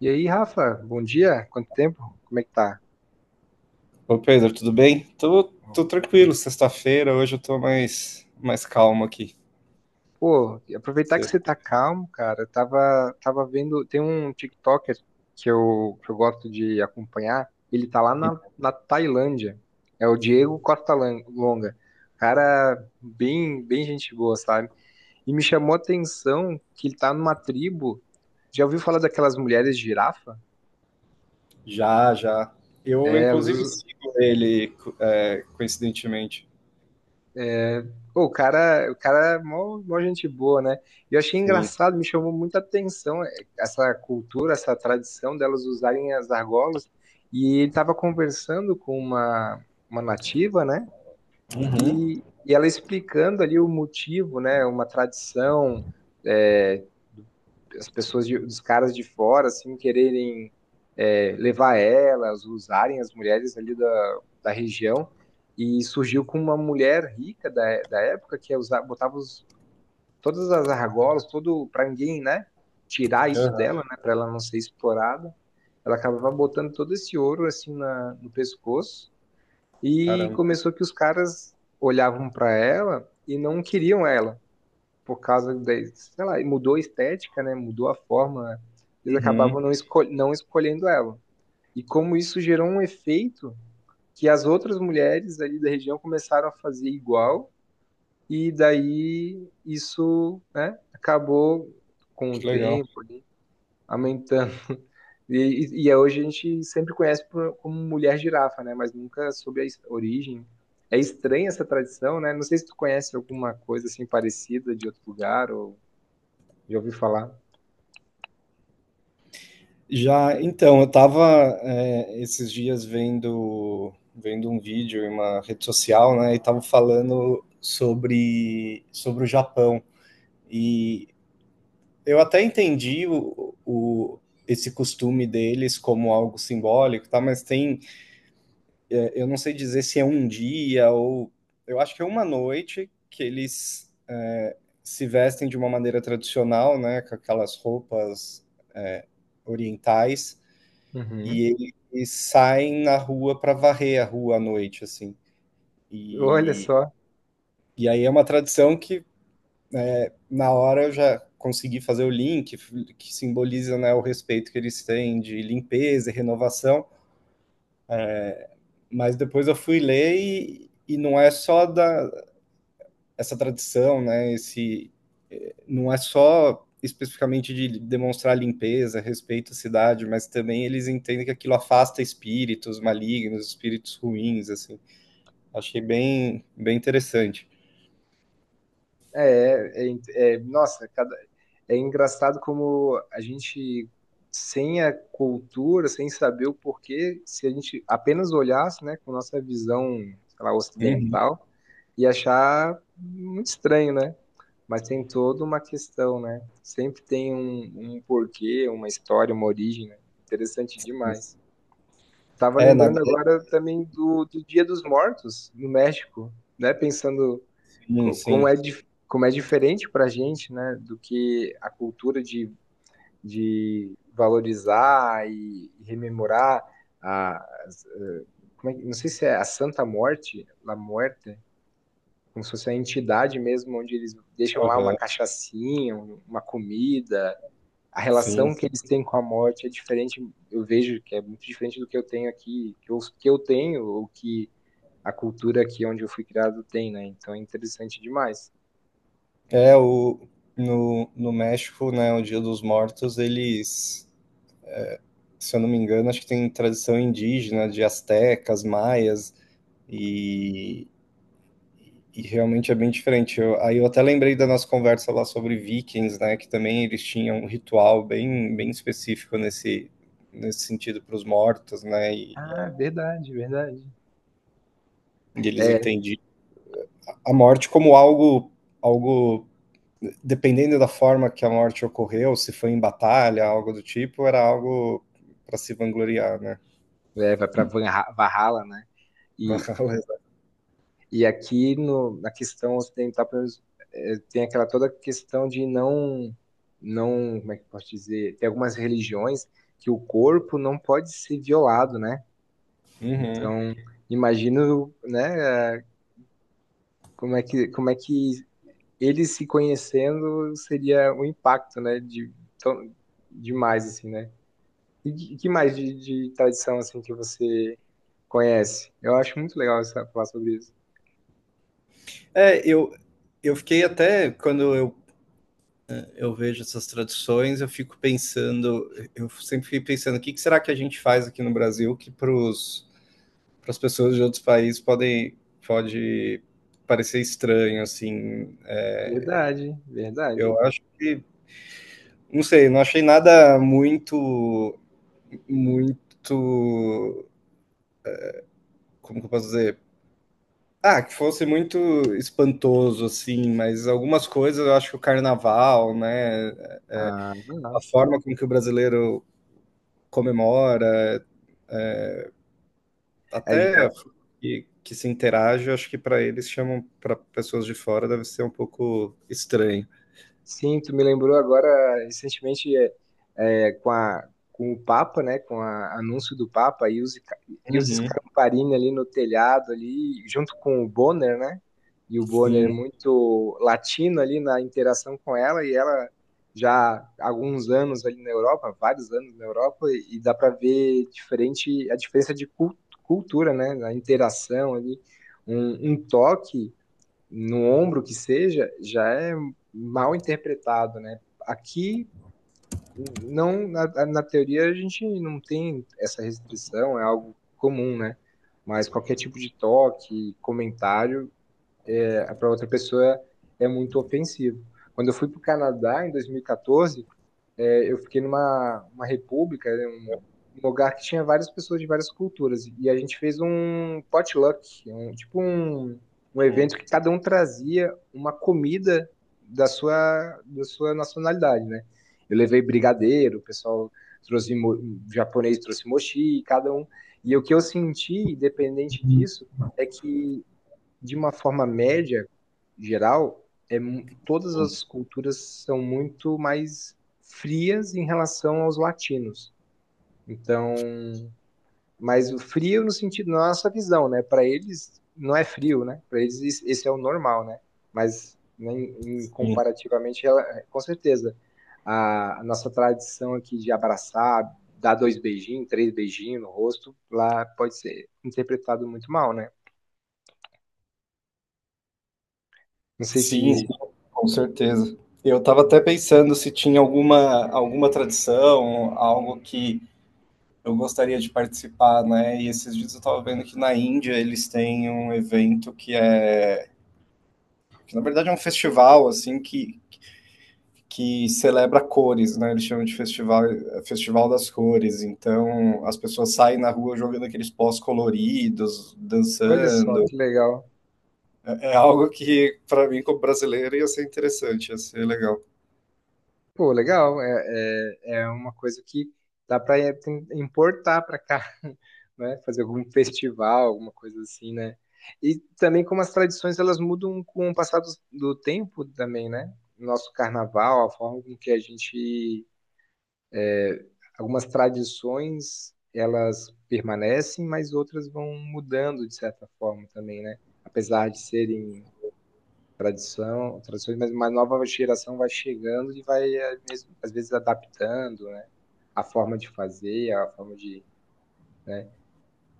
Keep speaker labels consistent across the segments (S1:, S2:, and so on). S1: E aí, Rafa, bom dia. Quanto tempo? Como é que tá?
S2: Ô Pedro, tudo bem? Tô, tô tranquilo, sexta-feira, hoje eu tô mais calmo aqui.
S1: Pô, e aproveitar
S2: Você-
S1: que você tá calmo, cara. Tava vendo, tem um TikToker que eu gosto de acompanhar. Ele tá lá na Tailândia. É o Longa. Cara, bem gente boa, sabe? E me chamou a atenção que ele tá numa tribo. Já ouviu falar daquelas mulheres girafa?
S2: Já, já. Eu,
S1: É, elas
S2: inclusive,
S1: usam.
S2: sigo ele, coincidentemente.
S1: É, pô, o cara é mó gente boa, né? E eu achei
S2: Sim.
S1: engraçado, me chamou muita atenção, essa cultura, essa tradição delas usarem as argolas. E ele estava conversando com uma nativa, né?
S2: Uhum.
S1: E ela explicando ali o motivo, né? Uma tradição, é, as pessoas, de, os caras de fora, assim, quererem, levar elas, usarem as mulheres ali da região. E surgiu com uma mulher rica da época que usava, botava os, todas as argolas, todo para ninguém, né? Tirar isso
S2: Aham.
S1: dela, né? Para ela não ser explorada. Ela acabava botando todo esse ouro assim no pescoço e
S2: Caramba.
S1: começou que os caras olhavam para ela e não queriam ela por causa da, sei lá, e mudou a estética, né? Mudou a forma. Eles
S2: Uhum.
S1: acabavam não escolhendo ela. E como isso gerou um efeito que as outras mulheres ali da região começaram a fazer igual, e daí isso, né, acabou com o
S2: Que legal.
S1: tempo ali, aumentando. E, e é hoje a gente sempre conhece como mulher girafa, né? Mas nunca soube a origem. É estranha essa tradição, né? Não sei se tu conhece alguma coisa assim parecida de outro lugar ou já ouviu falar.
S2: Já, então, eu tava esses dias vendo um vídeo em uma rede social, né, e tava falando sobre o Japão. E eu até entendi esse costume deles como algo simbólico, tá? Mas tem, eu não sei dizer se é um dia ou eu acho que é uma noite que eles se vestem de uma maneira tradicional, né? Com aquelas roupas é, orientais
S1: Uhum.
S2: e eles saem na rua para varrer a rua à noite, assim.
S1: Olha
S2: E,
S1: só.
S2: e aí é uma tradição que na hora eu já consegui fazer o link que simboliza, né, o respeito que eles têm de limpeza e renovação, mas depois eu fui ler e não é só da essa tradição, né? Esse não é só especificamente de demonstrar limpeza, respeito à cidade, mas também eles entendem que aquilo afasta espíritos malignos, espíritos ruins, assim. Achei bem, bem interessante.
S1: É, Nossa, é engraçado como a gente, sem a cultura, sem saber o porquê, se a gente apenas olhasse, né, com nossa visão, sei lá,
S2: Uhum.
S1: ocidental, ia achar muito estranho, né? Mas tem toda uma questão, né? Sempre tem um porquê, uma história, uma origem, né? Interessante demais. Tava
S2: É, na
S1: lembrando agora também do Dia dos Mortos, no México, né? Pensando.
S2: sim,
S1: Como
S2: sim.
S1: é, como é diferente para a gente, né, do que a cultura de valorizar e rememorar a, as- como é que, não sei se é a Santa Morte, La Muerte, como se fosse a entidade mesmo, onde eles deixam lá uma
S2: Uhum.
S1: cachaçinha, uma comida. A
S2: Sim.
S1: relação que eles têm com a morte é diferente, eu vejo que é muito diferente do que eu tenho aqui, que eu tenho, ou que a cultura aqui onde eu fui criado tem, né? Então é interessante demais.
S2: É, o, no, no México, né, o Dia dos Mortos, eles, se eu não me engano, acho que tem tradição indígena de astecas, maias, e, e realmente é bem diferente. Eu- aí eu até lembrei da nossa conversa lá sobre vikings, né, que também eles tinham um ritual bem, bem específico nesse sentido para os mortos, né,
S1: Ah, verdade, verdade.
S2: e eles
S1: É,
S2: entendiam a morte como algo dependendo da forma que a morte ocorreu, se foi em batalha, algo do tipo, era algo para se vangloriar, né?
S1: é vai para Valhalla, né? E, e aqui no, na questão ocidental, pelo menos, é, tem aquela toda questão de não, não, como é que eu posso dizer? Tem algumas religiões que o corpo não pode ser violado, né?
S2: Uhum.
S1: Então, imagino, né, como é que eles se conhecendo seria o impacto, né, de, tão- demais, assim, né? E que mais de tradição, assim, que você conhece? Eu acho muito legal você falar sobre isso.
S2: É, eu, eu fiquei até, quando eu vejo essas traduções, eu fico pensando, eu sempre fiquei pensando, o que, que será que a gente faz aqui no Brasil que para as pessoas de outros países podem, pode parecer estranho, assim.
S1: Verdade, verdade.
S2: Eu acho que, não sei, não achei nada muito como que eu posso dizer? Ah, que fosse muito espantoso, assim, mas algumas coisas eu acho que o carnaval, né? É,
S1: Ah,
S2: a
S1: não.
S2: forma como que o brasileiro comemora, até que se interage, eu acho que para eles chamam para pessoas de fora deve ser um pouco estranho.
S1: Sim, tu me lembrou agora recentemente, com com o Papa, né, com o anúncio do Papa e os, e os
S2: Uhum.
S1: Scamparini ali no telhado ali, junto com o Bonner, né? E o Bonner é
S2: Sim,
S1: muito latino ali na interação com ela e ela já há alguns anos ali na Europa, vários anos na Europa e dá para ver diferente a diferença de cultura, né, na interação ali, um toque no ombro que seja, já é mal interpretado, né? Aqui, não, na teoria, a gente não tem essa restrição, é algo comum, né? Mas qualquer tipo de toque, comentário, para outra pessoa é muito ofensivo. Quando eu fui para o Canadá em 2014, é, eu fiquei numa uma república, né, um lugar que tinha várias pessoas de várias culturas. E a gente fez um potluck, um, tipo um, um evento que cada um trazia uma comida da sua nacionalidade, né? Eu levei brigadeiro, o pessoal o japonês trouxe mochi, cada um. E o que eu senti, independente disso, é que de uma forma média, geral, todas as culturas são muito mais frias em relação aos latinos. Então, mas o frio no sentido, na nossa visão, né? Para eles não é frio, né? Para eles esse é o normal, né? Mas né,
S2: sim,
S1: comparativamente, ela, com certeza, a nossa tradição aqui de abraçar, dar dois beijinhos, três beijinhos no rosto, lá pode ser interpretado muito mal, né? Não sei
S2: sim, sim,
S1: se.
S2: com certeza. Eu estava até pensando se tinha alguma, alguma tradição, algo que eu gostaria de participar, né? E esses dias eu estava vendo que na Índia eles têm um evento que na verdade é um festival assim que celebra cores, né? Eles chamam de festival, festival das cores. Então as pessoas saem na rua jogando aqueles pós coloridos,
S1: Olha só
S2: dançando.
S1: que legal.
S2: É, é algo que para mim como brasileiro ia ser interessante, ia ser legal.
S1: Pô, legal. É uma coisa que dá para importar para cá, né? Fazer algum festival, alguma coisa assim, né? E também como as tradições elas mudam com o passar do tempo também, né? Nosso carnaval, a forma com que a gente, é, algumas tradições elas permanecem, mas outras vão mudando de certa forma também, né? Apesar de serem tradições, mas uma nova geração vai chegando e vai eh, mesmo, às vezes adaptando, né, a forma de fazer, a forma de, né?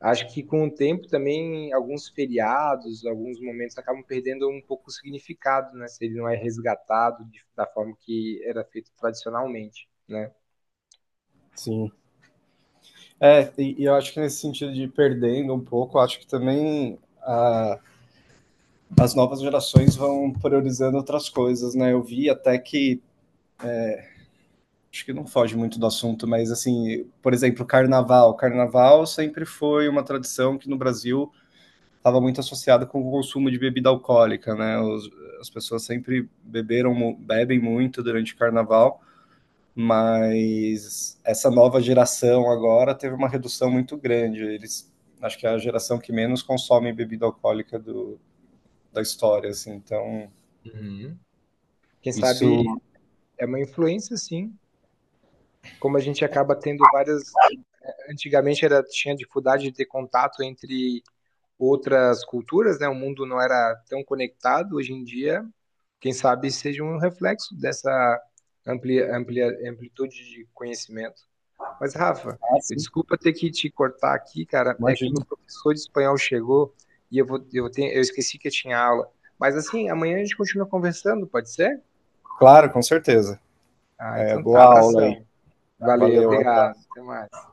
S1: Acho que com o tempo também alguns feriados, alguns momentos acabam perdendo um pouco o significado, né, se ele não é resgatado da forma que era feito tradicionalmente, né?
S2: Sim. E eu acho que nesse sentido de perdendo um pouco, eu acho que também a as novas gerações vão priorizando outras coisas, né? Eu vi até que acho que não foge muito do assunto, mas assim, por exemplo, carnaval. Carnaval sempre foi uma tradição que no Brasil estava muito associada com o consumo de bebida alcoólica, né? As pessoas sempre beberam, bebem muito durante o carnaval, mas essa nova geração agora teve uma redução muito grande. Eles acho que é a geração que menos consome bebida alcoólica do, da história, assim. Então,
S1: Uhum. Quem
S2: isso.
S1: sabe é uma influência, sim. Como a gente acaba tendo várias. Antigamente era, tinha dificuldade de ter contato entre outras culturas, né? O mundo não era tão conectado hoje em dia. Quem sabe seja um reflexo dessa amplitude de conhecimento. Mas, Rafa, eu desculpa ter que te cortar aqui, cara. É que
S2: Imagino.
S1: meu professor de espanhol chegou e eu vou, eu tenho, eu esqueci que eu tinha aula. Mas assim, amanhã a gente continua conversando, pode ser?
S2: Claro, com certeza.
S1: Ah,
S2: É,
S1: então tá,
S2: boa aula aí.
S1: abração. Valeu,
S2: Valeu.
S1: obrigado. Até mais.